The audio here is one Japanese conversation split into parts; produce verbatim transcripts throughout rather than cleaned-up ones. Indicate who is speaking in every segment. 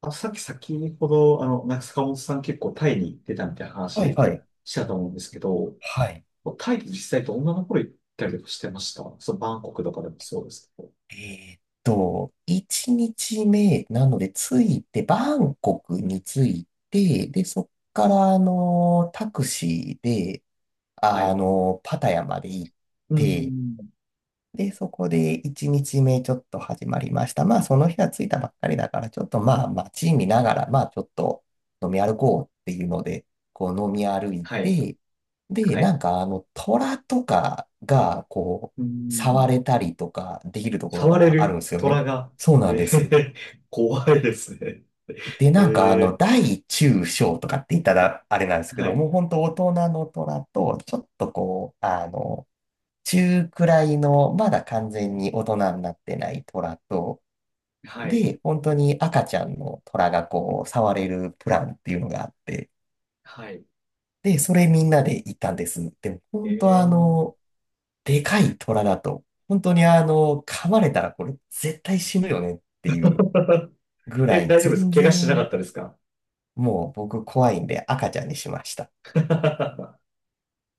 Speaker 1: あ、さっき先ほど、あの、中塚本さん結構タイに行ってたみたいな話
Speaker 2: はいはい。
Speaker 1: したと思うんですけど、
Speaker 2: はい。
Speaker 1: タイで実際と女の頃行ったりとかしてました。そう、バンコクとかでもそうですけど。
Speaker 2: えーっと、いちにちめなので、着いて、バンコクに着いて、で、そっから、あのタクシーで、
Speaker 1: は
Speaker 2: あ
Speaker 1: い。
Speaker 2: のパタヤまで行っ
Speaker 1: うー
Speaker 2: て、
Speaker 1: ん。
Speaker 2: で、そこでいちにちめちめちょっと始まりました。まあ、その日は着いたばっかりだから、ちょっとまあ、街見ながら、まあ、ちょっと飲み歩こうっていうので、こう飲み歩い
Speaker 1: はい。
Speaker 2: て、で、
Speaker 1: は
Speaker 2: な
Speaker 1: い。
Speaker 2: んかあの、虎とかが、こう、
Speaker 1: うーん。
Speaker 2: 触れたりとかできるところ
Speaker 1: 触れ
Speaker 2: があるん
Speaker 1: る
Speaker 2: ですよね。
Speaker 1: 虎が、
Speaker 2: そうなんで
Speaker 1: え
Speaker 2: す。
Speaker 1: ー、怖いですね。
Speaker 2: で、
Speaker 1: え
Speaker 2: なんかあの、
Speaker 1: ー、
Speaker 2: 大中小とかって言ったらあれなんですけ
Speaker 1: は
Speaker 2: ど、
Speaker 1: い。
Speaker 2: もう本当大人の虎と、ちょっとこう、あの、中くらいの、まだ完全に大人になってない虎と、
Speaker 1: はい。
Speaker 2: で、本当に赤ちゃんの虎がこう、触れるプランっていうのがあって、
Speaker 1: はい。
Speaker 2: で、それみんなで行ったんです。でも、
Speaker 1: え
Speaker 2: 本当あ
Speaker 1: ー、
Speaker 2: の、でかい虎だと、本当にあの、噛まれたらこれ絶対死ぬよねっていう ぐら
Speaker 1: え、
Speaker 2: い、
Speaker 1: 大丈夫です。
Speaker 2: 全
Speaker 1: 怪我しなかっ
Speaker 2: 然、
Speaker 1: たですか？
Speaker 2: もう僕怖いんで赤ちゃんにしました。
Speaker 1: う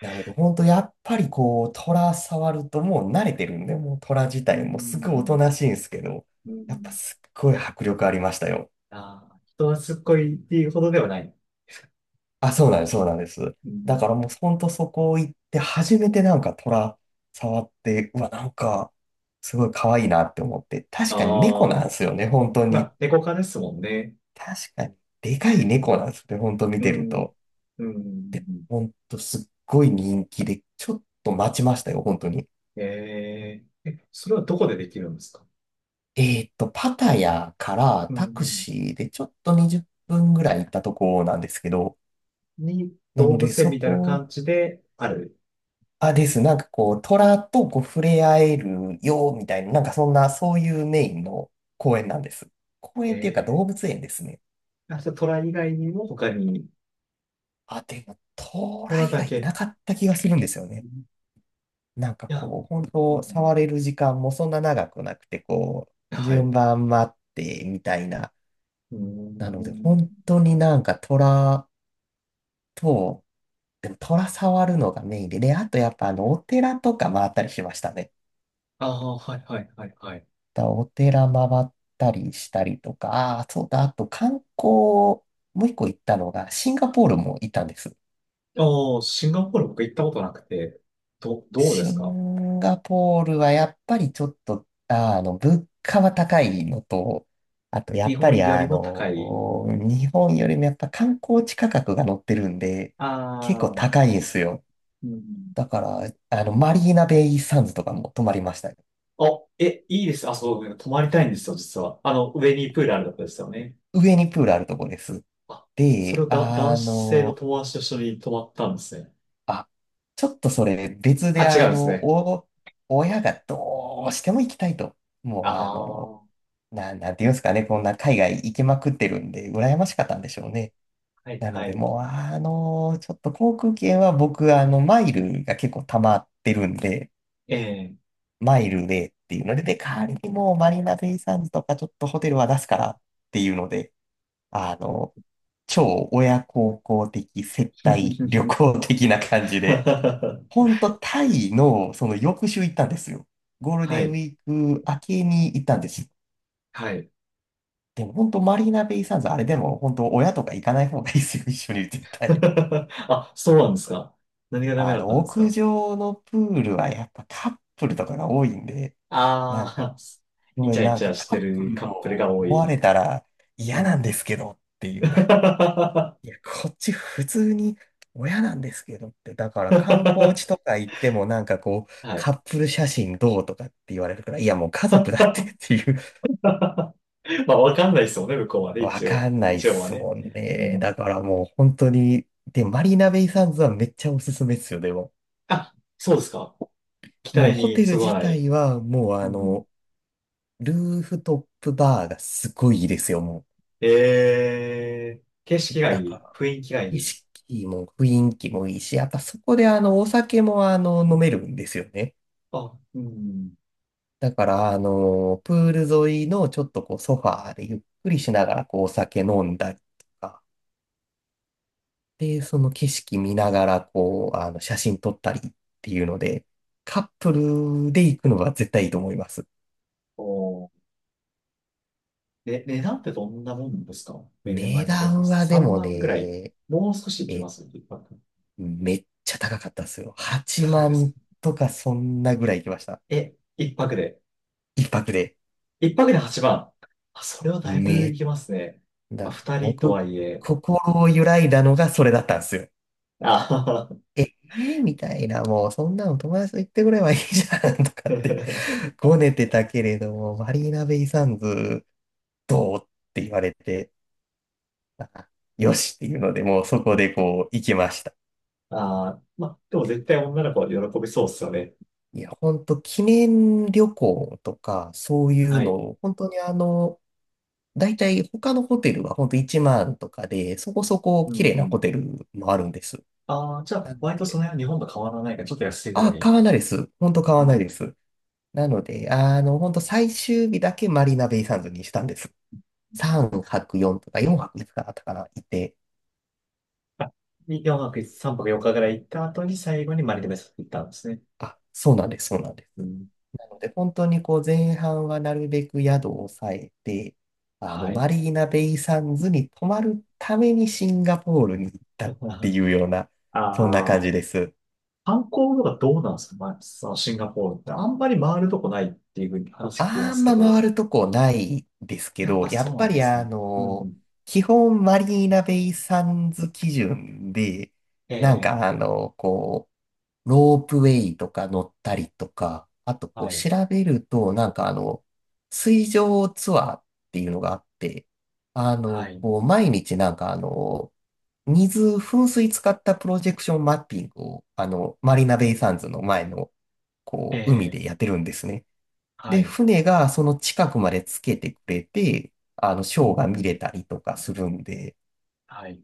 Speaker 2: なので、本当やっぱりこう、虎触るともう慣れてるんで、もう虎自
Speaker 1: ー
Speaker 2: 体もすごいおと
Speaker 1: ん。
Speaker 2: なしいんですけど、
Speaker 1: うー
Speaker 2: やっぱ
Speaker 1: ん
Speaker 2: すっごい迫力ありましたよ。
Speaker 1: ああ、人はすっごいっていうほどではない。
Speaker 2: あ、そうなんです、そうなんです。
Speaker 1: う
Speaker 2: だ
Speaker 1: ん、
Speaker 2: からもう本当そこ行って、初めてなんか虎触って、うわ、なんか、すごい可愛いなって思って、確かに猫な
Speaker 1: あ
Speaker 2: ん
Speaker 1: あ、
Speaker 2: ですよね、本当
Speaker 1: ま
Speaker 2: に。
Speaker 1: あ、猫科ですもんね。
Speaker 2: 確かに、でかい猫なんですね、本当見
Speaker 1: う
Speaker 2: てる
Speaker 1: ん。
Speaker 2: と。
Speaker 1: うん。
Speaker 2: 本当すっごい人気で、ちょっと待ちましたよ、本当に。
Speaker 1: えー、え、それはどこでできるんですか？
Speaker 2: えーっと、パタヤから
Speaker 1: う
Speaker 2: タク
Speaker 1: ん。
Speaker 2: シーでちょっとにじゅっぷんぐらい行ったとこなんですけど、
Speaker 1: に、
Speaker 2: な
Speaker 1: 動
Speaker 2: ので
Speaker 1: 物園
Speaker 2: そ
Speaker 1: みたいな
Speaker 2: こ、
Speaker 1: 感じである。
Speaker 2: あ、です。なんかこう、虎とこう触れ合えるよ、みたいな、なんかそんな、そういうメインの公園なんです。公園っていうか動
Speaker 1: え
Speaker 2: 物園ですね。
Speaker 1: ー、あ、じゃあ、虎以外にも他に、
Speaker 2: あ、でも、虎
Speaker 1: 虎
Speaker 2: 以
Speaker 1: だ
Speaker 2: 外い
Speaker 1: け。
Speaker 2: なかった気がするんですよ
Speaker 1: う
Speaker 2: ね。
Speaker 1: ん
Speaker 2: なんか
Speaker 1: いや、う
Speaker 2: こう、本当
Speaker 1: ん、
Speaker 2: 触れる時間もそんな長くなくて、こう、
Speaker 1: はい。
Speaker 2: 順番待って、みたいな。
Speaker 1: う
Speaker 2: なので、本
Speaker 1: ん。
Speaker 2: 当になんか虎、と、でも虎触るのがメインで、で、あとやっぱあの、お寺とか回ったりしましたね。
Speaker 1: ああ、はい、はい、はい、はい。
Speaker 2: だお寺回ったりしたりとか、ああ、そうだ、あと観光、もう一個行ったのが、シンガポールも行ったんです。
Speaker 1: ああ、シンガポール僕行ったことなくて、ど、どうで
Speaker 2: シ
Speaker 1: すか
Speaker 2: ンガポールはやっぱりちょっと、あーあの、物価は高いのと、あとや
Speaker 1: 日
Speaker 2: っぱ
Speaker 1: 本
Speaker 2: り
Speaker 1: より
Speaker 2: あ
Speaker 1: も高い。
Speaker 2: の、日本よりもやっぱ観光地価格が乗ってるんで、
Speaker 1: あ
Speaker 2: 結構
Speaker 1: あ、
Speaker 2: 高いんですよ。
Speaker 1: うん。
Speaker 2: だから、あの、マリーナベイサンズとかも泊まりましたね。
Speaker 1: お、え、いいです。あ、そう、泊まりたいんですよ、実は。あの、上にプールあるとこですよね。
Speaker 2: 上にプールあるとこです。
Speaker 1: あ、それ
Speaker 2: で、
Speaker 1: をだ、男
Speaker 2: あ
Speaker 1: 性の
Speaker 2: の、
Speaker 1: 友達と一緒に泊まったんですね。
Speaker 2: あ、ちょっとそれ別
Speaker 1: あ、
Speaker 2: で
Speaker 1: 違
Speaker 2: あ
Speaker 1: うんです
Speaker 2: の、
Speaker 1: ね。
Speaker 2: お、親がどうしても行きたいと。もう
Speaker 1: あ
Speaker 2: あ
Speaker 1: あ、
Speaker 2: の、
Speaker 1: は
Speaker 2: な、なんていうんですかね、こんな海外行きまくってるんで、羨ましかったんでしょうね。
Speaker 1: い、
Speaker 2: なの
Speaker 1: は
Speaker 2: で、
Speaker 1: い。
Speaker 2: もうあの、ちょっと航空券は僕、あの、マイルが結構溜まってるんで、
Speaker 1: ええ
Speaker 2: マイルでっていうので、で、代わりにもうマリーナベイサンズとかちょっとホテルは出すからっていうので、あの、超親孝行的接 待旅行的な感じで、ほんとタイのその翌週行ったんですよ。ゴール
Speaker 1: は
Speaker 2: デンウ
Speaker 1: い、
Speaker 2: ィーク明けに行ったんです。
Speaker 1: はい。
Speaker 2: でも本当マリーナベイサンズあれでも本当親とか行かない方がいいですよ、一緒に絶対。
Speaker 1: あ、そうなんですか。何がダメ
Speaker 2: あ
Speaker 1: だった
Speaker 2: の、
Speaker 1: んです
Speaker 2: 屋
Speaker 1: か。
Speaker 2: 上のプールはやっぱカップルとかが多いんで、なん
Speaker 1: あ
Speaker 2: か、
Speaker 1: あ
Speaker 2: ご
Speaker 1: ー、イ
Speaker 2: め
Speaker 1: チ
Speaker 2: ん
Speaker 1: ャイ
Speaker 2: なん
Speaker 1: チ
Speaker 2: か
Speaker 1: ャし
Speaker 2: カ
Speaker 1: て
Speaker 2: ップ
Speaker 1: る
Speaker 2: ル
Speaker 1: カッ
Speaker 2: と
Speaker 1: プルが多
Speaker 2: 思われ
Speaker 1: い。
Speaker 2: たら
Speaker 1: う
Speaker 2: 嫌なん
Speaker 1: ん。
Speaker 2: ですけどってい う。
Speaker 1: は
Speaker 2: いや、こっち普通に親なんですけどって、だから観光地とか行ってもなんかこう、カ
Speaker 1: い。
Speaker 2: ップル写真どうとかって言われるから、いやもう家族だってっていう、
Speaker 1: まあ、わかんないですもんね、向こうはね、
Speaker 2: わ
Speaker 1: 一
Speaker 2: か
Speaker 1: 応。
Speaker 2: んないっ
Speaker 1: 一応は
Speaker 2: す
Speaker 1: ね。
Speaker 2: もん
Speaker 1: う
Speaker 2: ね。だ
Speaker 1: ん。
Speaker 2: からもう本当に、で、マリーナベイサンズはめっちゃおすすめっすよ、でも。
Speaker 1: あ、そうですか。期
Speaker 2: もう
Speaker 1: 待
Speaker 2: ホ
Speaker 1: に
Speaker 2: テル
Speaker 1: そぐわ
Speaker 2: 自
Speaker 1: ない。
Speaker 2: 体はもう
Speaker 1: う
Speaker 2: あ
Speaker 1: ん。
Speaker 2: の、ルーフトップバーがすごいいいですよ、も
Speaker 1: えー、景色
Speaker 2: う。
Speaker 1: が
Speaker 2: だ
Speaker 1: い
Speaker 2: か
Speaker 1: い。
Speaker 2: ら、
Speaker 1: 雰囲気がい
Speaker 2: 景
Speaker 1: い。
Speaker 2: 色も雰囲気もいいし、やっぱそこであの、お酒もあの、飲めるんですよね。
Speaker 1: あ、うん。
Speaker 2: だから、あの、プール沿いのちょっとこうソファーでゆっくりしながらこうお酒飲んだりとか、で、その景色見ながらこう、あの、写真撮ったりっていうので、カップルで行くのが絶対いいと思います。
Speaker 1: おー、ね、値段ってどんなもんですか？メ年
Speaker 2: 値
Speaker 1: 前のベースで
Speaker 2: 段
Speaker 1: す。
Speaker 2: はで
Speaker 1: 3
Speaker 2: も
Speaker 1: 万ぐらい。
Speaker 2: ね、
Speaker 1: もう少し行き
Speaker 2: え、
Speaker 1: ます一泊？
Speaker 2: めっちゃ高かったですよ。8
Speaker 1: 高かったです
Speaker 2: 万
Speaker 1: ね。
Speaker 2: とかそんなぐらい行きました。
Speaker 1: え、一泊で。
Speaker 2: 一泊で。
Speaker 1: 一泊ではちまん。あ、それはだいぶ
Speaker 2: め、
Speaker 1: 行きますね。まあ、
Speaker 2: だ、
Speaker 1: 二人とは
Speaker 2: 僕、
Speaker 1: いえ。
Speaker 2: 心を揺らいだのがそれだったんですよ。
Speaker 1: あはは
Speaker 2: ええーみたいな、もうそんなの友達と行ってくればいいじゃんとかってご ねてたけれども、マリーナベイサンズどうって言われて、あよしっていうので、もうそこでこう行きました。
Speaker 1: ああ、まあ、でも絶対女の子は喜びそうっすよね。
Speaker 2: いや、本当記念旅行とか、そういう
Speaker 1: は
Speaker 2: の
Speaker 1: い。
Speaker 2: を、本当にあの、大体他のホテルは本当いちまんとかで、そこそこ
Speaker 1: う
Speaker 2: 綺麗なホ
Speaker 1: ん。
Speaker 2: テルもあるんです。
Speaker 1: ああ、じゃあ、割とその辺は日本と変わらないから、ちょっと安いぐら
Speaker 2: あ、
Speaker 1: い。
Speaker 2: 買わないです。本当買
Speaker 1: う
Speaker 2: わな
Speaker 1: ん。
Speaker 2: いです。なので、あの、本当最終日だけマリーナベイサンズにしたんです。さんぱくよんとかよんはくごかだったかな、いて。
Speaker 1: あ、よんぱく、さんぱくよっかぐらい行った後に、最後にマリトメス行ったんですね。
Speaker 2: あ、そうなんです、そうなんで
Speaker 1: う
Speaker 2: す。
Speaker 1: ん。
Speaker 2: なので、本当にこう前半はなるべく宿を抑えて、あの、
Speaker 1: は
Speaker 2: マ
Speaker 1: い。
Speaker 2: リーナベイサンズに泊まるためにシンガポールに行ったってい うような、そんな感
Speaker 1: あ
Speaker 2: じ
Speaker 1: あ、
Speaker 2: です。
Speaker 1: 観光とかどうなんですか、まあ、そのシンガポールって。あんまり回るとこないっていうふうに話聞きま
Speaker 2: あ
Speaker 1: す
Speaker 2: ん
Speaker 1: け
Speaker 2: ま回
Speaker 1: ど、
Speaker 2: るとこないですけ
Speaker 1: やっ
Speaker 2: ど、
Speaker 1: ぱ
Speaker 2: や
Speaker 1: そ
Speaker 2: っ
Speaker 1: うな
Speaker 2: ぱ
Speaker 1: んで
Speaker 2: り
Speaker 1: す
Speaker 2: あ
Speaker 1: ね。う
Speaker 2: の、
Speaker 1: ん。
Speaker 2: 基本マリーナベイサンズ基準で、なん
Speaker 1: ええ
Speaker 2: かあの、こう、ロープウェイとか乗ったりとか、あとこ
Speaker 1: は
Speaker 2: う
Speaker 1: い。
Speaker 2: 調べると、なんかあの、水上ツアーっていうのがあって、あ
Speaker 1: は
Speaker 2: の、
Speaker 1: い。
Speaker 2: こう、毎日なんかあの、水、噴水使ったプロジェクションマッピングを、あの、マリーナベイサンズの前の、こう、海
Speaker 1: ええ
Speaker 2: でやってるんですね。
Speaker 1: は
Speaker 2: で、
Speaker 1: い。
Speaker 2: 船がその近くまでつけてくれて、あの、シ
Speaker 1: う
Speaker 2: ョーが見れ
Speaker 1: ん。
Speaker 2: たりとかするんで、
Speaker 1: はい。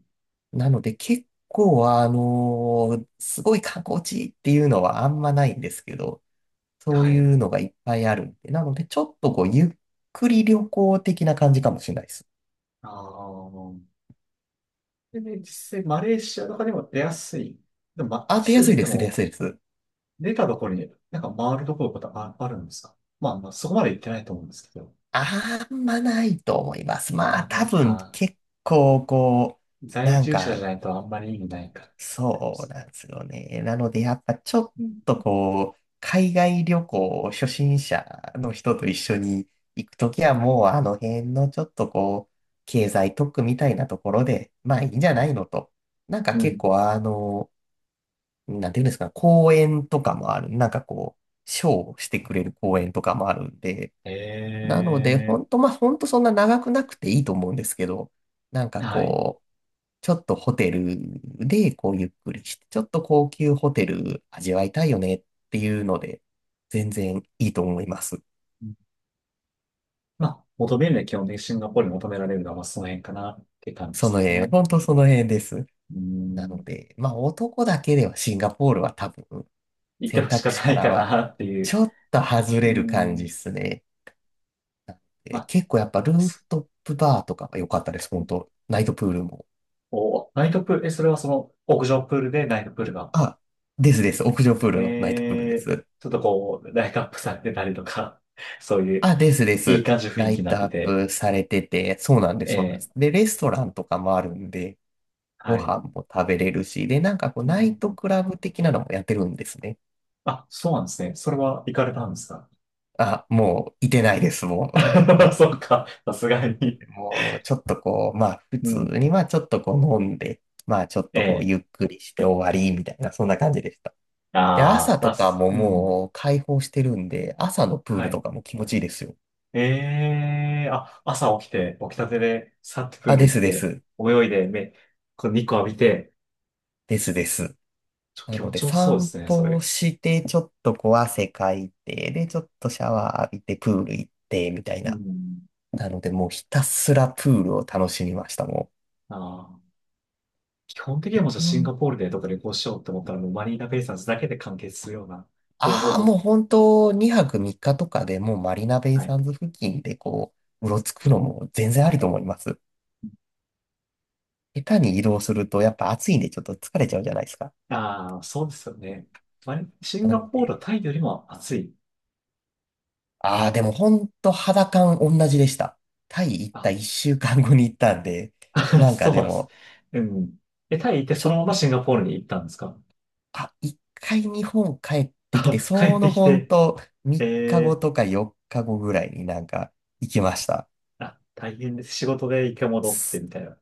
Speaker 2: なので結構、あのすごい観光地っていうのはあんまないんですけど、そう
Speaker 1: はい。
Speaker 2: いうのがいっぱいあるんで、なのでちょっとこう、ゆっくり旅行的な感じかもしれないです。
Speaker 1: ああ。でね、実際マレーシアとかでも出やすい。でも、ま、
Speaker 2: あ、
Speaker 1: 一
Speaker 2: 出や
Speaker 1: 際
Speaker 2: す
Speaker 1: 出
Speaker 2: い
Speaker 1: て
Speaker 2: です、出や
Speaker 1: も、
Speaker 2: すいです。
Speaker 1: 出たところになんか回るところとかあ、あるんですかまあ、まあ、そこまで行ってないと思うんですけど。
Speaker 2: あんまないと思います。
Speaker 1: あん
Speaker 2: ま
Speaker 1: ま
Speaker 2: あ、
Speaker 1: な
Speaker 2: 多
Speaker 1: い
Speaker 2: 分
Speaker 1: か。
Speaker 2: 結構こう、
Speaker 1: 在
Speaker 2: なん
Speaker 1: 住者じ
Speaker 2: か
Speaker 1: ゃないとあんまり意味ないか。
Speaker 2: そうなんですよね。なので、やっぱちょっ
Speaker 1: うん
Speaker 2: とこう、海外旅行初心者の人と一緒に行くときはもうあの辺のちょっとこう、経済特区みたいなところで、まあいいんじゃ
Speaker 1: は
Speaker 2: な
Speaker 1: い。
Speaker 2: いのと。なんか
Speaker 1: う
Speaker 2: 結
Speaker 1: ん。
Speaker 2: 構あの、なんていうんですか、公園とかもある。なんかこう、ショーをしてくれる公園とかもあるんで、
Speaker 1: え
Speaker 2: なので、本当まあ、本当そんな長くなくていいと思うんですけど、なん
Speaker 1: え
Speaker 2: か
Speaker 1: はい。
Speaker 2: こう、ちょっとホテルでこうゆっくりして、ちょっと高級ホテル味わいたいよねっていうので、全然いいと思います。
Speaker 1: まあ、求めるのは基本的にシンガポールに求められるのは、まあ、その辺かなって感じで
Speaker 2: その
Speaker 1: す
Speaker 2: 辺、
Speaker 1: ね。
Speaker 2: 本当その辺です。
Speaker 1: う
Speaker 2: なの
Speaker 1: ん。
Speaker 2: で、まあ男だけではシンガポールは多分
Speaker 1: 行って
Speaker 2: 選
Speaker 1: ほし
Speaker 2: 択
Speaker 1: か
Speaker 2: 肢
Speaker 1: な
Speaker 2: か
Speaker 1: い
Speaker 2: ら
Speaker 1: か
Speaker 2: は
Speaker 1: なってい
Speaker 2: ち
Speaker 1: う。
Speaker 2: ょっと外
Speaker 1: う
Speaker 2: れる感じで
Speaker 1: ん。
Speaker 2: すね。
Speaker 1: ま
Speaker 2: え
Speaker 1: あ、
Speaker 2: 結構やっぱルーフトップバーとかが良かったです、本当ナイトプールも。
Speaker 1: お、ナイトプール、え、それはその屋上プールでナイトプールが、
Speaker 2: あ、ですです。屋上プールのナイトプールで
Speaker 1: えー、
Speaker 2: す。
Speaker 1: ちょっとこう、ライトアップされてたりとか、そういう、
Speaker 2: あ、ですで
Speaker 1: いい
Speaker 2: す。
Speaker 1: 感じの雰
Speaker 2: ラ
Speaker 1: 囲気
Speaker 2: イ
Speaker 1: になっ
Speaker 2: ト
Speaker 1: て
Speaker 2: アッ
Speaker 1: て、
Speaker 2: プされてて、そうなんで
Speaker 1: え
Speaker 2: す、そうなんで
Speaker 1: ー、
Speaker 2: す。で、レストランとかもあるんで、ご
Speaker 1: はい。
Speaker 2: 飯も食べれるし、で、なんかこう、
Speaker 1: う
Speaker 2: ナイト
Speaker 1: ん、
Speaker 2: クラブ的なのもやってるんですね。
Speaker 1: あ、そうなんですね。それは行かれたんですか？
Speaker 2: あ、もう、いてないです、もう。な の
Speaker 1: そうか、さすがに。
Speaker 2: で、もう、ちょっとこう、まあ、普
Speaker 1: う
Speaker 2: 通
Speaker 1: ん。
Speaker 2: に、まあ、ちょっとこう、飲んで、まあ、ちょっとこう、
Speaker 1: ええ
Speaker 2: ゆっくりして終わり、みたいな、そんな感じでした。で、
Speaker 1: ああ
Speaker 2: 朝
Speaker 1: ま
Speaker 2: と
Speaker 1: あ、
Speaker 2: か
Speaker 1: す
Speaker 2: も
Speaker 1: うん。
Speaker 2: もう、開放してるんで、朝のプー
Speaker 1: は
Speaker 2: ルと
Speaker 1: い。
Speaker 2: かも気持ちいいですよ。
Speaker 1: ええあ、朝起きて、起きたてで、さっとプー
Speaker 2: あ、で
Speaker 1: ル行
Speaker 2: す
Speaker 1: っ
Speaker 2: で
Speaker 1: て、
Speaker 2: す。
Speaker 1: 泳いで、目、こう、日光浴びて、
Speaker 2: ですです。
Speaker 1: ちょ、
Speaker 2: な
Speaker 1: 気
Speaker 2: の
Speaker 1: 持
Speaker 2: で、
Speaker 1: ちよさそうで
Speaker 2: 散
Speaker 1: すね、そ
Speaker 2: 歩を
Speaker 1: れ。
Speaker 2: して、ちょっとこう汗かいて、で、ちょっとシャワー浴びて、プール行って、みたい
Speaker 1: う
Speaker 2: な。
Speaker 1: ん。
Speaker 2: なので、もうひたすらプールを楽しみました、も
Speaker 1: ああ基本的には
Speaker 2: う。
Speaker 1: もうじゃあ
Speaker 2: う
Speaker 1: シンガ
Speaker 2: ん
Speaker 1: ポールでどっか旅行しようって思ったらもうマリーナベイサンズだけで完結するような方法
Speaker 2: ああ、
Speaker 1: も。
Speaker 2: もう本当、にはくさんにちとかでもうマリナベイ
Speaker 1: はい。
Speaker 2: サンズ付近でこう、うろつくのも全然ありと思います。下手に移動すると、やっぱ暑いんでちょっと疲れちゃうじゃないですか。
Speaker 1: ああ、そうですよね。マリシン
Speaker 2: な
Speaker 1: ガ
Speaker 2: の
Speaker 1: ポー
Speaker 2: で、
Speaker 1: ルはタイよりも暑い？
Speaker 2: ああ、でも本当肌感同じでした。タイ行った1
Speaker 1: あ、
Speaker 2: 週間後に行ったんで、なんか
Speaker 1: そうなん
Speaker 2: で
Speaker 1: です。
Speaker 2: も、
Speaker 1: うん。え、タイ行って
Speaker 2: ち
Speaker 1: その
Speaker 2: ょ
Speaker 1: まま
Speaker 2: っ
Speaker 1: シンガポールに行ったんですか？
Speaker 2: あ、一回日本帰ってきて、
Speaker 1: あ 帰っ
Speaker 2: そ
Speaker 1: て
Speaker 2: の
Speaker 1: き
Speaker 2: ほん
Speaker 1: て、
Speaker 2: とみっかご
Speaker 1: えー
Speaker 2: とかよっかごぐらいになんか行きました。
Speaker 1: あ、大変です。仕事で一回戻って
Speaker 2: す
Speaker 1: みたいな。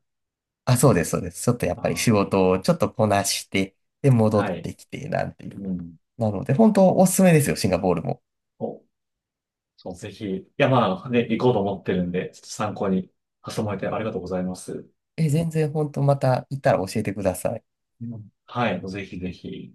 Speaker 2: あ、そうです、そうです。ちょっとやっぱり仕
Speaker 1: あ
Speaker 2: 事をちょっとこなして、で、
Speaker 1: ー
Speaker 2: 戻っ
Speaker 1: はい。
Speaker 2: てきて、なんてい
Speaker 1: う
Speaker 2: う。
Speaker 1: ん。
Speaker 2: なので、本当おすすめですよ、シンガポールも。
Speaker 1: お、そう、ぜひ。いや、まあね、行こうと思ってるんで、ちょっと参考に挟まれてありがとうございます。
Speaker 2: え、全然本当また行ったら教えてください。
Speaker 1: うんはい、ぜひぜひ。